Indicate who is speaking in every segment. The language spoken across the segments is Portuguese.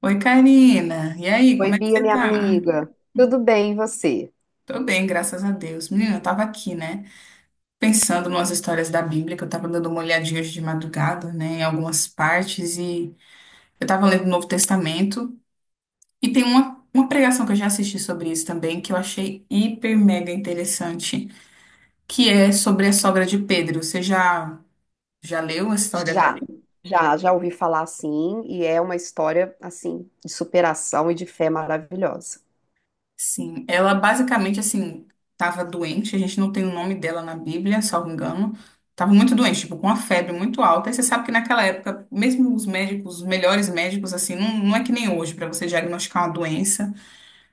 Speaker 1: Oi, Karina. E aí,
Speaker 2: Oi,
Speaker 1: como é que
Speaker 2: Bia,
Speaker 1: você
Speaker 2: minha
Speaker 1: tá?
Speaker 2: amiga. Tudo bem, e você?
Speaker 1: Tô bem, graças a Deus. Menina, eu tava aqui, né? Pensando nas histórias da Bíblia, que eu tava dando uma olhadinha hoje de madrugada, né? Em algumas partes, e eu tava lendo o Novo Testamento. E tem uma pregação que eu já assisti sobre isso também, que eu achei hiper mega interessante, que é sobre a sogra de Pedro. Você já leu a história
Speaker 2: Já,
Speaker 1: dela?
Speaker 2: já ouvi falar assim, e é uma história assim de superação e de fé maravilhosa.
Speaker 1: Sim, ela basicamente assim estava doente, a gente não tem o nome dela na Bíblia, salvo engano. Estava muito doente, tipo, com uma febre muito alta. E você sabe que naquela época, mesmo os médicos, os melhores médicos, assim, não, não é que nem hoje para você diagnosticar uma doença.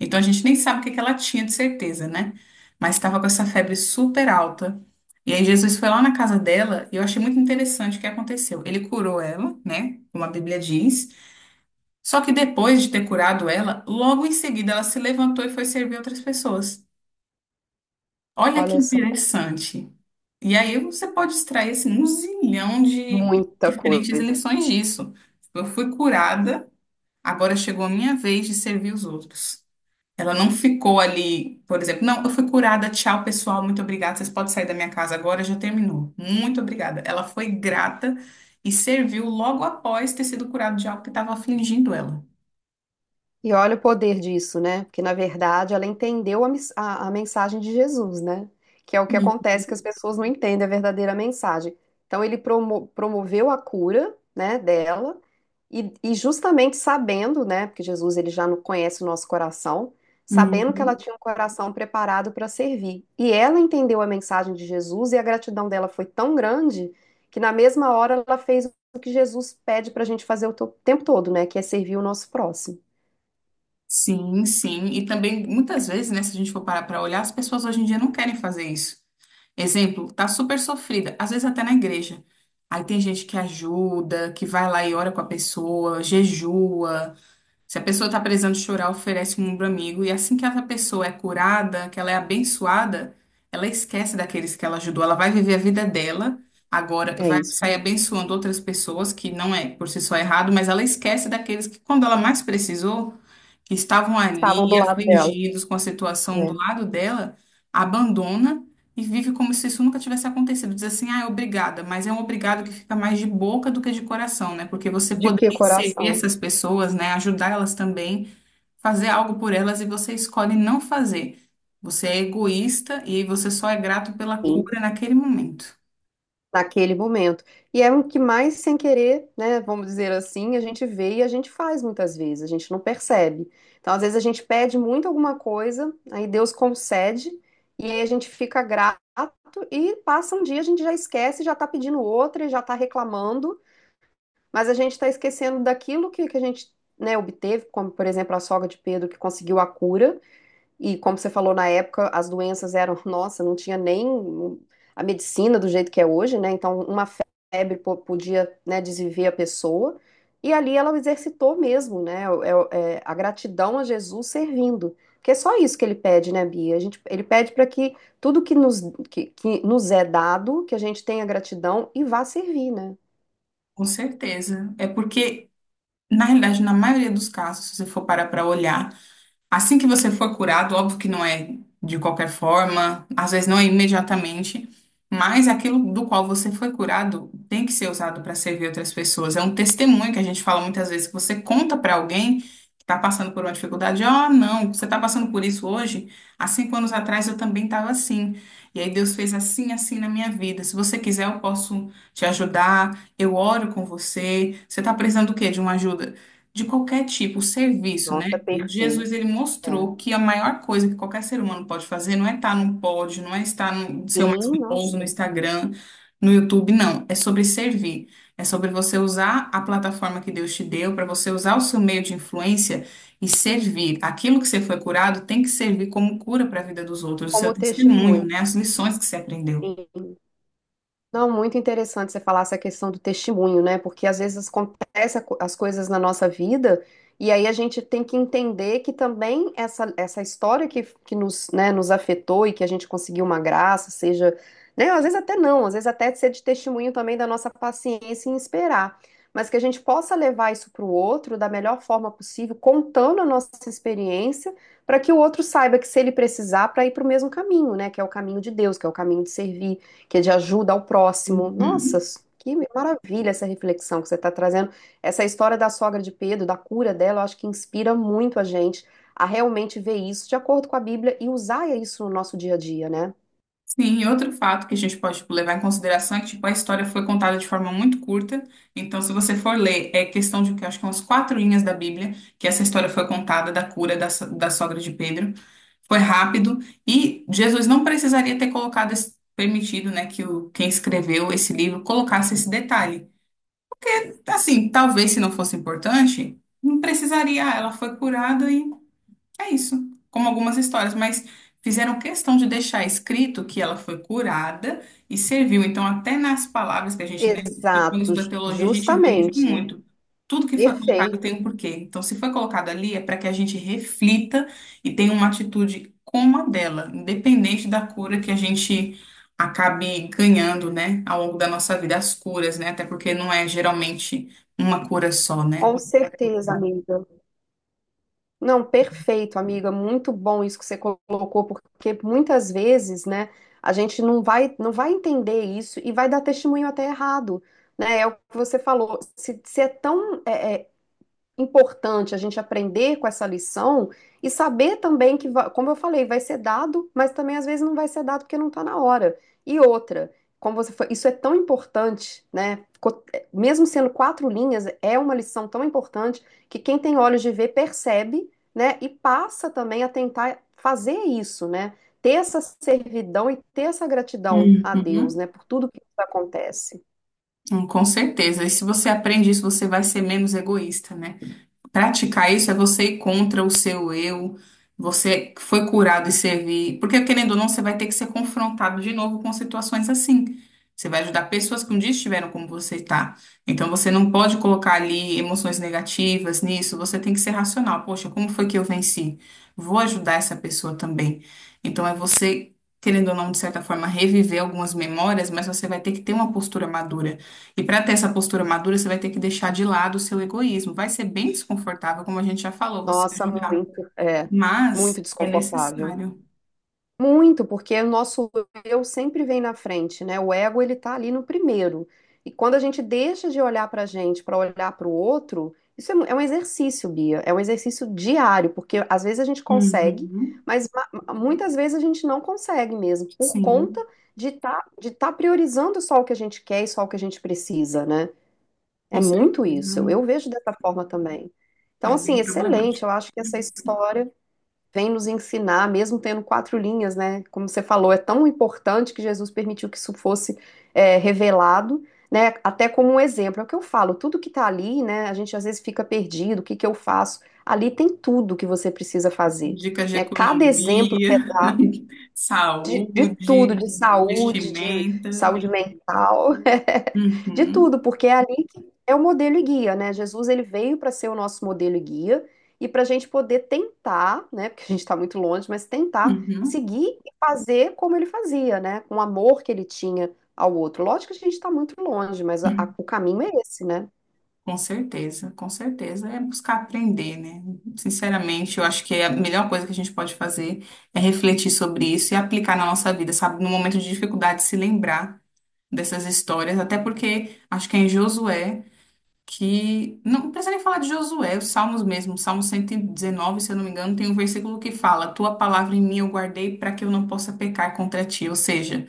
Speaker 1: Então a gente nem sabe o que que ela tinha de certeza, né? Mas estava com essa febre super alta. E aí Jesus foi lá na casa dela e eu achei muito interessante o que aconteceu. Ele curou ela, né? Como a Bíblia diz. Só que depois de ter curado ela, logo em seguida ela se levantou e foi servir outras pessoas. Olha que
Speaker 2: Olha só,
Speaker 1: interessante. E aí você pode extrair assim, um zilhão de
Speaker 2: muita
Speaker 1: diferentes
Speaker 2: coisa.
Speaker 1: lições disso. Tipo, eu fui curada, agora chegou a minha vez de servir os outros. Ela não ficou ali, por exemplo, não, eu fui curada, tchau pessoal, muito obrigada, vocês podem sair da minha casa agora, já terminou. Muito obrigada. Ela foi grata e serviu logo após ter sido curada de algo que estava afligindo ela.
Speaker 2: E olha o poder disso, né? Porque, na verdade, ela entendeu a mensagem de Jesus, né? Que é o que acontece que as pessoas não entendem a verdadeira mensagem. Então, ele promoveu a cura, né, dela, e justamente sabendo, né, porque Jesus ele já não conhece o nosso coração,
Speaker 1: Hum.
Speaker 2: sabendo que ela tinha um coração preparado para servir. E ela entendeu a mensagem de Jesus e a gratidão dela foi tão grande que, na mesma hora, ela fez o que Jesus pede para a gente fazer o tempo todo, né? Que é servir o nosso próximo.
Speaker 1: Sim, sim. E também, muitas vezes, né, se a gente for parar para olhar, as pessoas hoje em dia não querem fazer isso. Exemplo, tá super sofrida, às vezes até na igreja. Aí tem gente que ajuda, que vai lá e ora com a pessoa, jejua. Se a pessoa tá precisando chorar, oferece um ombro amigo. E assim que essa pessoa é curada, que ela é abençoada, ela esquece daqueles que ela ajudou. Ela vai viver a vida dela. Agora
Speaker 2: É
Speaker 1: vai
Speaker 2: isso
Speaker 1: sair
Speaker 2: aí.
Speaker 1: abençoando outras pessoas, que não é por si só errado, mas ela esquece daqueles que, quando ela mais precisou, que estavam
Speaker 2: Estavam
Speaker 1: ali
Speaker 2: do lado dela,
Speaker 1: afligidos com a situação do
Speaker 2: né?
Speaker 1: lado dela, abandona e vive como se isso nunca tivesse acontecido. Diz assim, ah, obrigada, mas é um obrigado que fica mais de boca do que de coração, né? Porque você
Speaker 2: De que
Speaker 1: poderia servir
Speaker 2: coração?
Speaker 1: essas pessoas, né? Ajudar elas também, fazer algo por elas e você escolhe não fazer. Você é egoísta e você só é grato pela
Speaker 2: Sim,
Speaker 1: cura naquele momento.
Speaker 2: naquele momento. E é o que mais sem querer, né? Vamos dizer assim, a gente vê e a gente faz muitas vezes, a gente não percebe. Então, às vezes, a gente pede muito alguma coisa, aí Deus concede, e aí a gente fica grato e passa um dia, a gente já esquece, já tá pedindo outra e já tá reclamando, mas a gente tá esquecendo daquilo que a gente, né, obteve, como, por exemplo, a sogra de Pedro que conseguiu a cura. E como você falou na época, as doenças eram, nossa, não tinha nem a medicina do jeito que é hoje, né? Então, uma febre podia, né, desviver a pessoa. E ali ela exercitou mesmo, né? É a gratidão a Jesus servindo. Porque é só isso que ele pede, né, Bia? A gente, ele pede para que tudo que nos é dado, que a gente tenha gratidão e vá servir, né?
Speaker 1: Com certeza. É porque, na realidade, na maioria dos casos, se você for parar para olhar, assim que você for curado, óbvio que não é de qualquer forma, às vezes não é imediatamente, mas aquilo do qual você foi curado tem que ser usado para servir outras pessoas. É um testemunho que a gente fala muitas vezes, que você conta para alguém que está passando por uma dificuldade, ó, não, você está passando por isso hoje? Há 5 anos atrás eu também estava assim. E aí Deus fez assim, assim na minha vida. Se você quiser, eu posso te ajudar, eu oro com você. Você está precisando do quê? De uma ajuda? De qualquer tipo, serviço, né?
Speaker 2: Nossa,
Speaker 1: E
Speaker 2: perfeito.
Speaker 1: Jesus, ele
Speaker 2: É.
Speaker 1: mostrou que a maior coisa que qualquer ser humano pode fazer não é estar num pódio, não é estar no ser o mais
Speaker 2: Sim,
Speaker 1: famoso no
Speaker 2: nossa.
Speaker 1: Instagram, no YouTube, não. É sobre servir. É sobre você usar a plataforma que Deus te deu, para você usar o seu meio de influência e servir. Aquilo que você foi curado tem que servir como cura para a vida dos outros, o seu
Speaker 2: Como
Speaker 1: testemunho,
Speaker 2: testemunho.
Speaker 1: né? As lições que você aprendeu.
Speaker 2: Sim. Não, muito interessante você falar essa questão do testemunho, né? Porque às vezes acontece as coisas na nossa vida e aí a gente tem que entender que também essa história que nos, né, nos afetou e que a gente conseguiu uma graça, seja, né? Às vezes até não, às vezes até ser de testemunho também da nossa paciência em esperar, mas que a gente possa levar isso para o outro da melhor forma possível, contando a nossa experiência, para que o outro saiba que se ele precisar, para ir para o mesmo caminho, né? Que é o caminho de Deus, que é o caminho de servir que é de ajuda ao próximo. Nossa,
Speaker 1: Uhum.
Speaker 2: que maravilha essa reflexão que você está trazendo. Essa história da sogra de Pedro, da cura dela, eu acho que inspira muito a gente a realmente ver isso de acordo com a Bíblia e usar isso no nosso dia a dia, né?
Speaker 1: Sim, e outro fato que a gente pode, tipo, levar em consideração é que, tipo, a história foi contada de forma muito curta. Então, se você for ler, é questão de, acho que é umas quatro linhas da Bíblia, que essa história foi contada da cura da sogra de Pedro. Foi rápido e Jesus não precisaria ter colocado, permitido, né, que o, quem escreveu esse livro colocasse esse detalhe. Assim, talvez se não fosse importante, não precisaria. Ah, ela foi curada é isso, como algumas histórias, mas fizeram questão de deixar escrito que ela foi curada e serviu. Então, até nas palavras que a gente, né, quando
Speaker 2: Exato,
Speaker 1: estuda teologia, a gente vê isso
Speaker 2: justamente.
Speaker 1: muito. Tudo que foi colocado
Speaker 2: Perfeito.
Speaker 1: tem um porquê. Então, se foi colocado ali, é para que a gente reflita e tenha uma atitude como a dela, independente da cura que a gente acabe ganhando, né, ao longo da nossa vida, as curas, né, até porque não é geralmente uma cura só, né?
Speaker 2: Com certeza, amiga. Não, perfeito, amiga. Muito bom isso que você colocou, porque muitas vezes, né, a gente não vai, não vai entender isso e vai dar testemunho até errado, né? É o que você falou. Se é tão importante a gente aprender com essa lição e saber também que, como eu falei, vai ser dado, mas também às vezes não vai ser dado porque não está na hora. E outra, como você foi, isso é tão importante, né? Mesmo sendo 4 linhas, é uma lição tão importante que quem tem olhos de ver percebe, né? E passa também a tentar fazer isso, né? Ter essa servidão e ter essa gratidão a Deus,
Speaker 1: Uhum.
Speaker 2: né? Por tudo que acontece.
Speaker 1: Com certeza. E se você aprende isso, você vai ser menos egoísta, né? Praticar isso é você ir contra o seu eu. Você foi curado e servir. Porque, querendo ou não, você vai ter que ser confrontado de novo com situações assim. Você vai ajudar pessoas que um dia estiveram como você está. Então, você não pode colocar ali emoções negativas nisso. Você tem que ser racional. Poxa, como foi que eu venci? Vou ajudar essa pessoa também. Então, é você, querendo ou não, de certa forma, reviver algumas memórias, mas você vai ter que ter uma postura madura. E para ter essa postura madura, você vai ter que deixar de lado o seu egoísmo. Vai ser bem desconfortável, como a gente já falou, você
Speaker 2: Nossa,
Speaker 1: ajudar.
Speaker 2: muito, muito
Speaker 1: Mas é
Speaker 2: desconfortável.
Speaker 1: necessário.
Speaker 2: Muito, porque o nosso eu sempre vem na frente, né? O ego ele tá ali no primeiro. E quando a gente deixa de olhar pra gente para olhar para o outro, um exercício, Bia, é um exercício diário, porque às vezes a gente consegue,
Speaker 1: Uhum.
Speaker 2: mas muitas vezes a gente não consegue mesmo, por conta
Speaker 1: Sim,
Speaker 2: de tá priorizando só o que a gente quer e só o que a gente precisa, né? É
Speaker 1: com
Speaker 2: muito
Speaker 1: certeza.
Speaker 2: isso. Eu vejo dessa forma também. Então,
Speaker 1: É bem
Speaker 2: assim, excelente.
Speaker 1: problemático.
Speaker 2: Eu acho que essa história vem nos ensinar, mesmo tendo 4 linhas, né? Como você falou, é tão importante que Jesus permitiu que isso fosse revelado, né? Até como um exemplo. É o que eu falo, tudo que tá ali, né? A gente às vezes fica perdido, o que que eu faço? Ali tem tudo que você precisa fazer,
Speaker 1: Dicas de
Speaker 2: né? Cada exemplo que
Speaker 1: economia,
Speaker 2: é dado de tudo,
Speaker 1: saúde,
Speaker 2: de
Speaker 1: vestimenta.
Speaker 2: saúde mental, de
Speaker 1: Uhum.
Speaker 2: tudo, porque é ali que é o modelo e guia, né? Jesus, ele veio para ser o nosso modelo e guia e para a gente poder tentar, né? Porque a gente está muito longe, mas tentar
Speaker 1: Uhum.
Speaker 2: seguir e fazer como ele fazia, né? Com o amor que ele tinha ao outro. Lógico que a gente está muito longe, mas o caminho é esse, né?
Speaker 1: Com certeza, com certeza. É buscar aprender, né? Sinceramente, eu acho que a melhor coisa que a gente pode fazer é refletir sobre isso e aplicar na nossa vida, sabe? No momento de dificuldade, se lembrar dessas histórias, até porque acho que é em Josué que. Não precisa nem falar de Josué, os Salmos mesmo, Salmo 119, se eu não me engano, tem um versículo que fala: Tua palavra em mim eu guardei para que eu não possa pecar contra ti. Ou seja,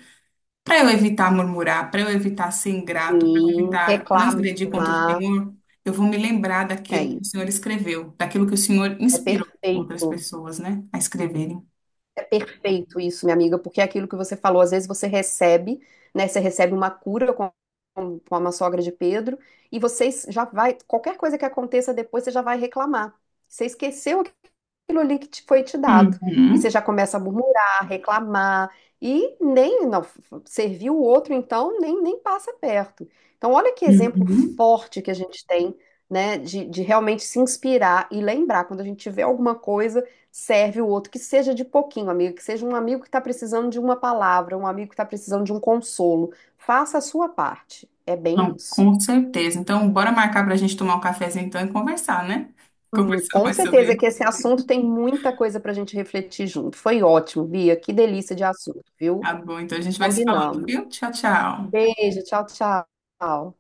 Speaker 1: para eu evitar murmurar, para eu evitar ser ingrato, para eu
Speaker 2: Sim,
Speaker 1: evitar
Speaker 2: reclamar,
Speaker 1: transgredir contra o Senhor, eu vou me lembrar
Speaker 2: é
Speaker 1: daquilo que
Speaker 2: isso,
Speaker 1: o Senhor escreveu, daquilo que o Senhor
Speaker 2: é
Speaker 1: inspirou outras
Speaker 2: perfeito.
Speaker 1: pessoas, né, a escreverem.
Speaker 2: É perfeito isso, minha amiga, porque é aquilo que você falou, às vezes você recebe, né? Você recebe uma cura com, com uma sogra de Pedro, e vocês já vai, qualquer coisa que aconteça depois, você já vai reclamar. Você esqueceu aquilo ali que te foi te dado. E você
Speaker 1: Uhum,
Speaker 2: já começa a murmurar, reclamar, e nem, não, serviu o outro, então nem, nem passa perto. Então, olha que exemplo
Speaker 1: uhum.
Speaker 2: forte que a gente tem, né, de realmente se inspirar e lembrar, quando a gente tiver alguma coisa, serve o outro, que seja de pouquinho, amigo, que seja um amigo que está precisando de uma palavra, um amigo que está precisando de um consolo. Faça a sua parte. É bem
Speaker 1: Não,
Speaker 2: isso.
Speaker 1: com certeza. Então, bora marcar para a gente tomar um cafezinho então e conversar, né? Conversar
Speaker 2: Com
Speaker 1: mais
Speaker 2: certeza
Speaker 1: sobre.
Speaker 2: que esse assunto tem muita coisa para a gente refletir junto. Foi ótimo, Bia. Que delícia de assunto, viu?
Speaker 1: Tá bom, então a gente vai se falando,
Speaker 2: Combinamos.
Speaker 1: viu? Tchau, tchau.
Speaker 2: Beijo, tchau, tchau.